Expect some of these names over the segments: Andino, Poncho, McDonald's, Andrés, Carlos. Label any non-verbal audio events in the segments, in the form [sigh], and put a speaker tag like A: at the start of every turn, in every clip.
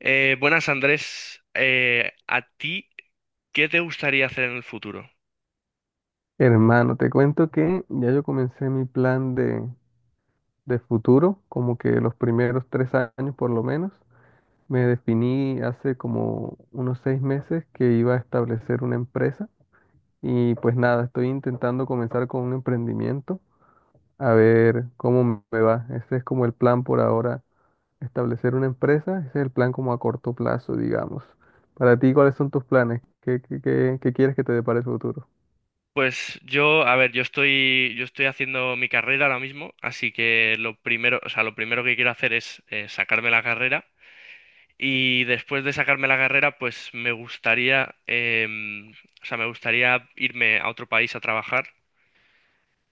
A: Buenas, Andrés. ¿A ti qué te gustaría hacer en el futuro?
B: Hermano, te cuento que ya yo comencé mi plan de futuro, como que los primeros 3 años por lo menos. Me definí hace como unos 6 meses que iba a establecer una empresa y pues nada, estoy intentando comenzar con un emprendimiento, a ver cómo me va. Ese es como el plan por ahora, establecer una empresa, ese es el plan como a corto plazo, digamos. Para ti, ¿cuáles son tus planes? ¿Qué quieres que te depare el futuro?
A: Pues yo, a ver, yo estoy haciendo mi carrera ahora mismo, así que lo primero, o sea, lo primero que quiero hacer es sacarme la carrera y después de sacarme la carrera, pues me gustaría, o sea, me gustaría irme a otro país a trabajar,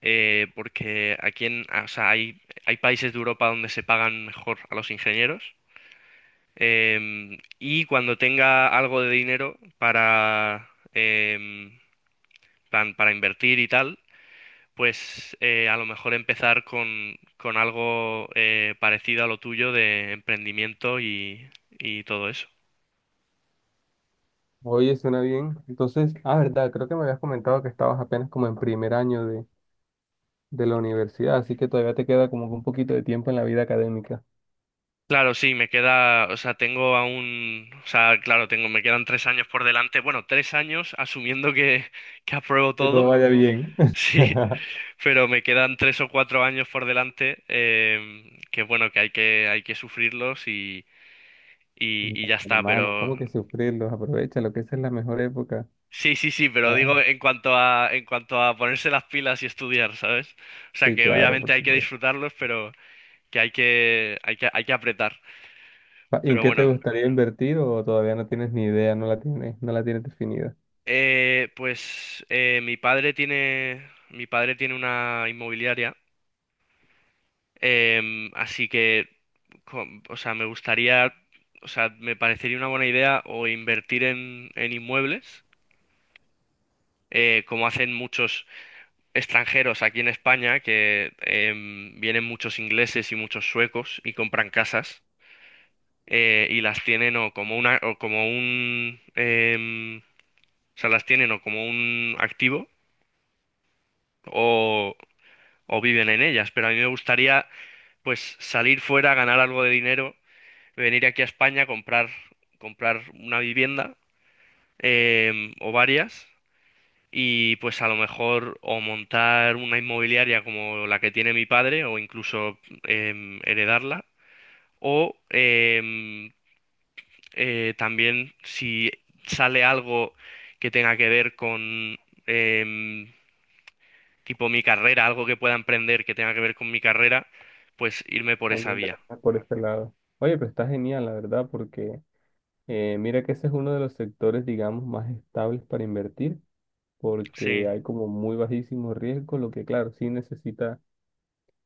A: porque o sea, hay países de Europa donde se pagan mejor a los ingenieros. Y cuando tenga algo de dinero para, plan, para invertir y tal, pues a lo mejor empezar con algo parecido a lo tuyo de emprendimiento y todo eso.
B: Oye, suena bien. Entonces, ah, verdad, creo que me habías comentado que estabas apenas como en primer año de la universidad, así que todavía te queda como que un poquito de tiempo en la vida académica.
A: Claro, sí, me queda, o sea, tengo aún, o sea, claro, tengo, me quedan tres años por delante, bueno, tres años asumiendo que apruebo
B: Que todo
A: todo,
B: vaya bien.
A: [laughs] sí.
B: [laughs]
A: Pero me quedan tres o cuatro años por delante, que bueno, que hay que sufrirlos
B: No,
A: y ya está,
B: hermano,
A: pero
B: ¿cómo que sufrirlos? Aprovecha lo que esa es la mejor época.
A: sí, sí, sí, pero
B: Ah,
A: digo en cuanto en cuanto a ponerse las pilas y estudiar, ¿sabes? O sea
B: sí,
A: que
B: claro,
A: obviamente
B: por
A: hay que
B: supuesto.
A: disfrutarlos, pero que hay que apretar.
B: ¿Y en
A: Pero
B: qué te
A: bueno,
B: gustaría invertir o todavía no tienes ni idea, no la tienes, no la tienes definida?
A: mi padre tiene una inmobiliaria. Así que, com- o sea, me gustaría, o sea, me parecería una buena idea o invertir en inmuebles, como hacen muchos extranjeros aquí en España, que vienen muchos ingleses y muchos suecos y compran casas y las tienen o como una, o como un, o sea, las tienen o como un activo o, o viven en ellas. Pero a mí me gustaría, pues, salir fuera, ganar algo de dinero, venir aquí a España, comprar una vivienda o varias y pues a lo mejor o montar una inmobiliaria como la que tiene mi padre o incluso heredarla o también si sale algo que tenga que ver con em, tipo mi carrera, algo que pueda emprender que tenga que ver con mi carrera, pues irme por esa
B: También de
A: vía.
B: verdad, por este lado. Oye, pero está genial, la verdad, porque mira que ese es uno de los sectores, digamos, más estables para invertir
A: Sí,
B: porque hay como muy bajísimo riesgo, lo que claro, sí necesita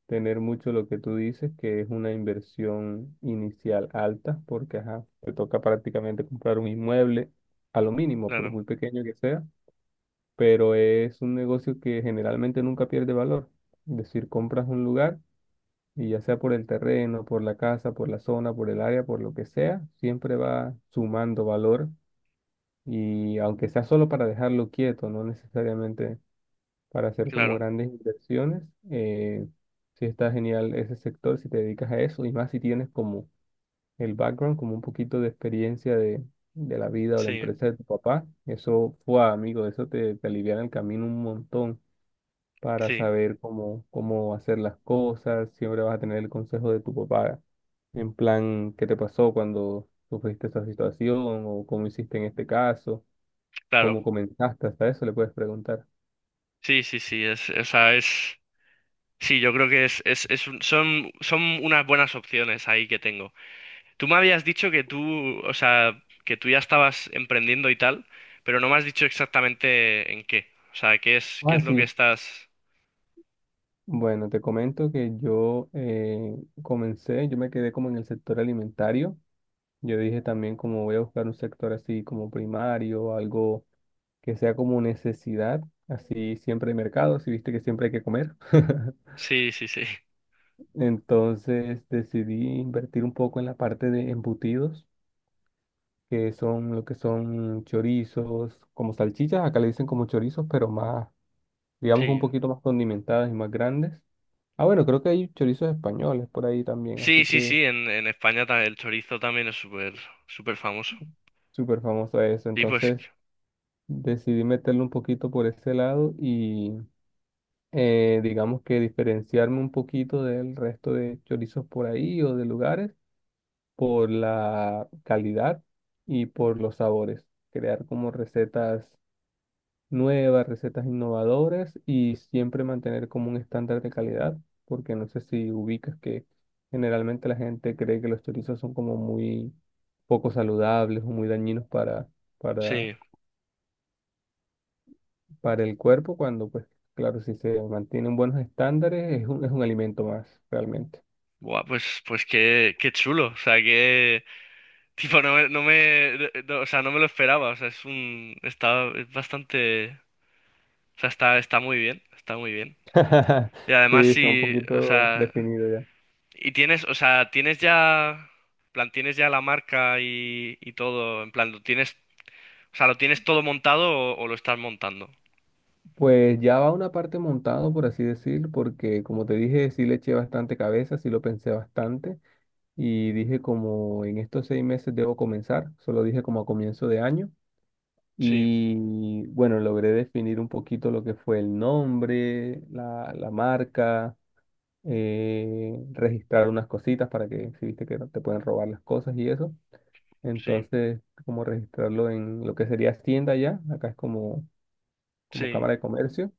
B: tener mucho lo que tú dices, que es una inversión inicial alta, porque ajá, te toca prácticamente comprar un inmueble a lo mínimo, por
A: claro,
B: muy pequeño que sea, pero es un negocio que generalmente nunca pierde valor. Es decir, compras un lugar y ya sea por el terreno, por la casa, por la zona, por el área, por lo que sea, siempre va sumando valor. Y aunque sea solo para dejarlo quieto, no necesariamente para hacer como
A: claro,
B: grandes inversiones. Eh, sí está genial ese sector si te dedicas a eso y más si tienes como el background, como un poquito de experiencia de la vida o la
A: sí,
B: empresa de tu papá. Eso fue, amigo, eso te, aliviana el camino un montón para
A: sí,
B: saber cómo, cómo hacer las cosas. Siempre vas a tener el consejo de tu papá en plan, ¿qué te pasó cuando sufriste esa situación o cómo hiciste en este caso?
A: claro.
B: ¿Cómo comenzaste? Hasta eso le puedes preguntar.
A: Sí, sí, sí, es, o sea, es, sí, yo creo que es un- son, son unas buenas opciones ahí que tengo. Tú me habías dicho que tú, o sea, que tú ya estabas emprendiendo y tal, pero no me has dicho exactamente en qué. O sea, qué
B: Ah,
A: es lo que
B: sí.
A: estás.
B: Bueno, te comento que yo comencé, yo me quedé como en el sector alimentario. Yo dije también como voy a buscar un sector así como primario, algo que sea como necesidad, así siempre de mercado, si viste que siempre hay que comer. [laughs]
A: Sí, sí, sí, [laughs]
B: Entonces decidí invertir un poco en la parte de embutidos, que son lo que son chorizos, como salchichas, acá le dicen como chorizos, pero más, digamos, un
A: sí.
B: poquito más condimentadas y más grandes. Ah, bueno, creo que hay chorizos españoles por ahí también,
A: Sí,
B: así
A: sí,
B: que
A: sí, en España ta- el chorizo también es súper, súper famoso.
B: súper famoso eso.
A: Sí, pues,
B: Entonces decidí meterle un poquito por ese lado y digamos que diferenciarme un poquito del resto de chorizos por ahí o de lugares por la calidad y por los sabores. Crear como recetas nuevas, recetas innovadoras y siempre mantener como un estándar de calidad, porque no sé si ubicas que generalmente la gente cree que los chorizos son como muy poco saludables o muy dañinos para, para,
A: sí.
B: para el cuerpo, cuando pues claro, si se mantienen buenos estándares es un alimento más realmente.
A: Buah, pues, pues qué, qué chulo, o sea, que... Tipo, no me, no me, no- o sea, no me lo esperaba, o sea, es un, está, es bastante, o sea, está, está muy bien, está muy bien.
B: [laughs]
A: Y además
B: Sí, está un
A: sí, o
B: poquito
A: sea,
B: definido ya.
A: y tienes, o sea, tienes ya, en plan, tienes ya la marca y todo, en plan, lo tienes, o sea, lo tienes todo montado o lo estás montando.
B: Pues ya va una parte montado, por así decir, porque como te dije, sí le eché bastante cabeza, sí lo pensé bastante. Y dije como en estos 6 meses debo comenzar, solo dije como a comienzo de año
A: Sí,
B: y bueno, logré definir un poquito lo que fue el nombre, la marca, registrar unas cositas para que si viste que no te pueden robar las cosas y eso,
A: sí,
B: entonces como registrarlo en lo que sería tienda ya, acá es como, como
A: sí.
B: Cámara de Comercio.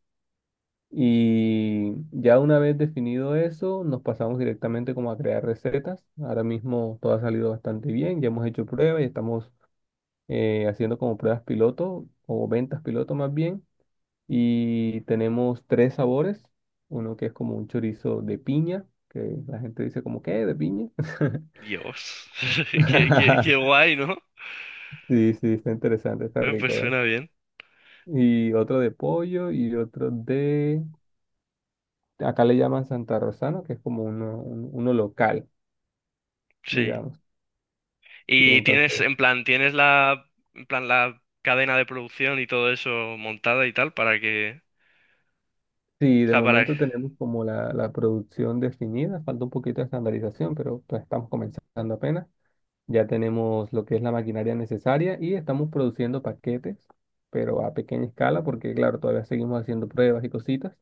B: Y ya una vez definido eso, nos pasamos directamente como a crear recetas. Ahora mismo todo ha salido bastante bien, ya hemos hecho pruebas y estamos haciendo como pruebas piloto o ventas piloto más bien. Y tenemos tres sabores, uno que es como un chorizo de piña, que la gente dice como, ¿qué? ¿De piña?
A: Dios, [laughs] qué, qué, qué
B: [laughs]
A: guay, ¿no?
B: Sí, sí, está interesante, está
A: Pues
B: rico, ¿eh?
A: suena bien,
B: Y otro de pollo y otro de… Acá le llaman Santa Rosano, que es como uno local,
A: sí.
B: digamos. Y
A: Y tienes,
B: entonces,
A: en plan, tienes la, en plan, la cadena de producción y todo eso montada y tal para que,
B: sí,
A: o
B: de
A: sea, para,
B: momento tenemos como la producción definida, falta un poquito de estandarización, pero pues estamos comenzando apenas. Ya tenemos lo que es la maquinaria necesaria y estamos produciendo paquetes, pero a pequeña escala, porque claro, todavía seguimos haciendo pruebas y cositas.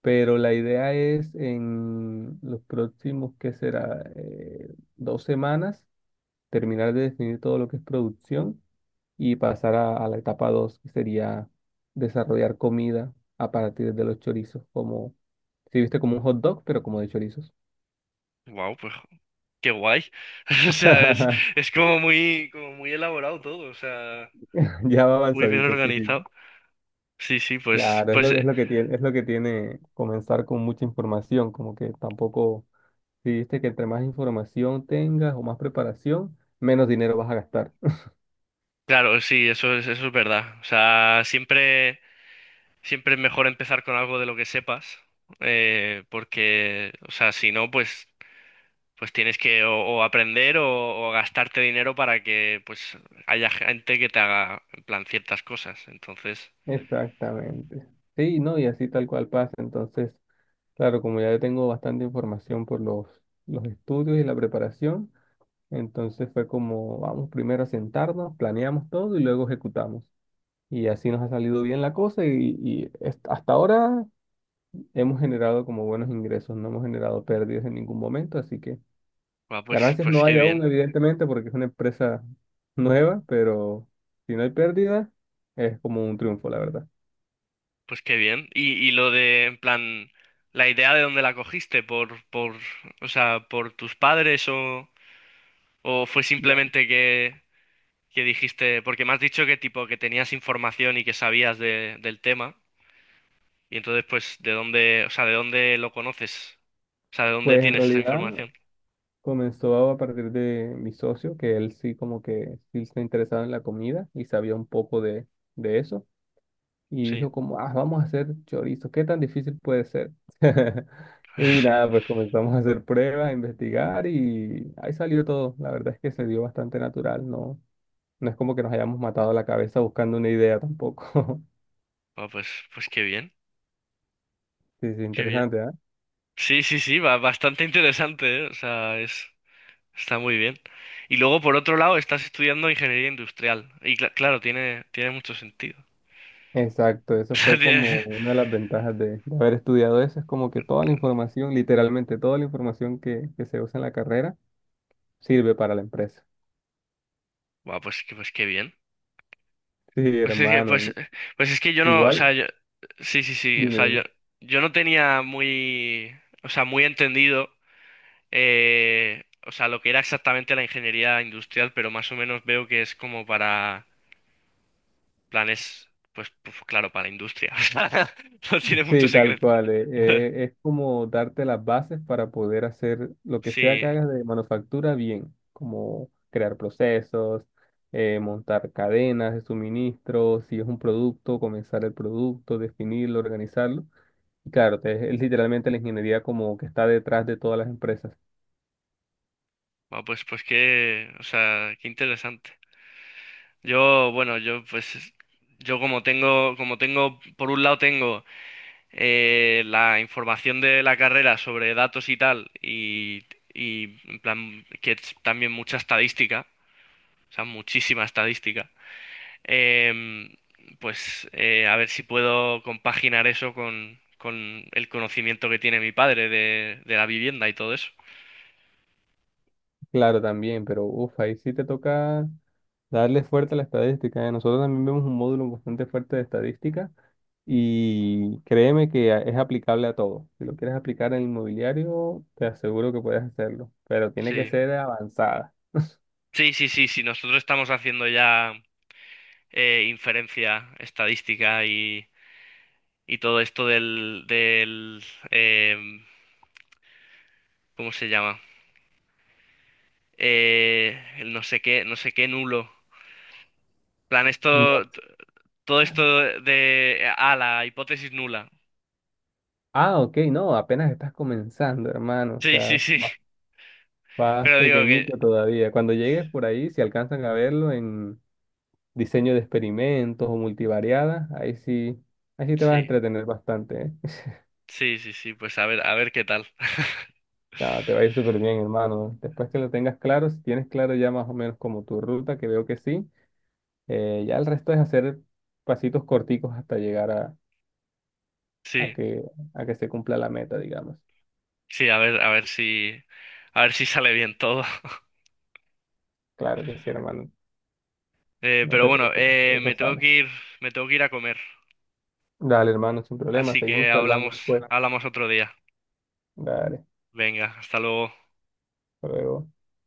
B: Pero la idea es en los próximos, ¿qué será? 2 semanas, terminar de definir todo lo que es producción y pasar a la etapa 2 que sería desarrollar comida a partir de los chorizos, como, si viste como un hot dog, pero como de chorizos.
A: wow, pues, qué guay. [laughs] O sea,
B: [laughs]
A: es como muy elaborado todo, o sea,
B: Ya va
A: muy bien
B: avanzadito, sí, sí.
A: organizado. Sí, sí, pues,
B: Claro,
A: pues,
B: es lo que tiene comenzar con mucha información, como que tampoco, si viste que entre más información tengas o más preparación, menos dinero vas a gastar.
A: claro, sí, eso es verdad. O sea, siempre, siempre es mejor empezar con algo de lo que sepas, porque, o sea, si no, pues pues tienes que o aprender o gastarte dinero para que pues haya gente que te haga en plan ciertas cosas. Entonces,
B: [laughs] Exactamente. Sí, no, y así tal cual pasa. Entonces, claro, como ya yo tengo bastante información por los estudios y la preparación, entonces fue como, vamos primero a sentarnos, planeamos todo y luego ejecutamos. Y así nos ha salido bien la cosa y hasta ahora hemos generado como buenos ingresos, no hemos generado pérdidas en ningún momento, así que
A: va, pues,
B: ganancias
A: pues
B: no
A: qué
B: hay aún,
A: bien,
B: evidentemente, porque es una empresa nueva, pero si no hay pérdida, es como un triunfo, la verdad.
A: pues qué bien. Y lo de, en plan, la idea de dónde la cogiste, o sea, por tus padres o fue
B: No.
A: simplemente que dijiste, porque me has dicho que tipo que tenías información y que sabías de, del tema, y entonces pues de dónde, o sea, de dónde lo conoces, o sea, de dónde
B: Pues en
A: tienes esa
B: realidad
A: información.
B: comenzó a partir de mi socio, que él sí como que sí está interesado en la comida y sabía un poco de eso. Y
A: Sí.
B: dijo como, ah, vamos a hacer chorizo, ¿qué tan difícil puede ser? [laughs] Y nada, pues comenzamos a hacer pruebas, a investigar y ahí salió todo. La verdad es que se dio bastante natural, no, no es como que nos hayamos matado la cabeza buscando una idea tampoco. [laughs]
A: Ah, pues, pues qué bien,
B: Sí, sí,
A: qué bien.
B: interesante, ¿ah?
A: Sí, sí, sí, va bastante interesante, ¿eh? O sea, es, está muy bien. Y luego, por otro lado, estás estudiando ingeniería industrial. Y cla- claro, tiene, tiene mucho sentido.
B: Exacto,
A: [laughs] O
B: eso
A: sea,
B: fue como
A: tiene-
B: una de las ventajas de haber estudiado eso, es como que toda la información, literalmente toda la información que se usa en la carrera sirve para la empresa.
A: Buah, pues, que- pues qué bien.
B: Sí,
A: Pues es que, pues,
B: hermano,
A: pues es que yo no, o
B: igual,
A: sea, yo, sí, sí, sí, o
B: dime,
A: sea,
B: dime.
A: yo no tenía muy, o sea, muy entendido, o sea, lo que era exactamente la ingeniería industrial, pero más o menos veo que es como para planes, pues, pues claro, para la industria. [laughs] O sea, no tiene mucho
B: Sí, tal
A: secreto.
B: cual.
A: [laughs]
B: Es como darte las bases para poder hacer lo que sea
A: Sí,
B: que hagas de manufactura bien, como crear procesos, montar cadenas de suministro, si es un producto, comenzar el producto, definirlo, organizarlo. Y claro, es literalmente la ingeniería como que está detrás de todas las empresas.
A: bueno, pues, pues qué, o sea, qué interesante. Yo, bueno, yo pues, como tengo, por un lado tengo la información de la carrera sobre datos y tal, y en plan, que es también mucha estadística, o sea, muchísima estadística. Em, pues a ver si puedo compaginar eso con el conocimiento que tiene mi padre de la vivienda y todo eso.
B: Claro, también, pero uff, ahí sí te toca darle fuerte a la estadística. Nosotros también vemos un módulo bastante fuerte de estadística. Y créeme que es aplicable a todo. Si lo quieres aplicar en inmobiliario, te aseguro que puedes hacerlo, pero tiene que
A: Sí.
B: ser avanzada.
A: Sí, sí, sí, sí. Nosotros estamos haciendo ya inferencia estadística y todo esto del em, ¿cómo se llama? El no sé qué, no sé qué nulo. En plan,
B: No.
A: esto, t- todo esto de, ah, la hipótesis nula.
B: Ah, ok, no, apenas estás comenzando, hermano. O
A: Sí, sí,
B: sea,
A: sí.
B: vas
A: [laughs]
B: vas
A: Pero digo que
B: pequeñito todavía. Cuando llegues por ahí, si alcanzan a verlo en diseño de experimentos o multivariadas, ahí sí te vas a
A: sí.
B: entretener bastante, ¿eh? [laughs]
A: Sí, sí, sí, pues a ver qué tal. [laughs]
B: Ah, te va a ir súper bien, hermano. Después que lo tengas claro, si tienes claro ya más o menos como tu ruta, que veo que sí. Ya el resto es hacer pasitos corticos hasta llegar a
A: Sí,
B: que, a que se cumpla la meta, digamos.
A: sí, a ver, a ver si sale bien todo. [laughs]
B: Claro que sí, hermano. No
A: Pero
B: te
A: bueno,
B: preocupes, eso sale.
A: me tengo que ir a comer,
B: Dale, hermano, sin problema.
A: así
B: Seguimos
A: que
B: charlando
A: hablamos,
B: después.
A: hablamos otro día.
B: Dale,
A: Venga, hasta luego.
B: hasta luego.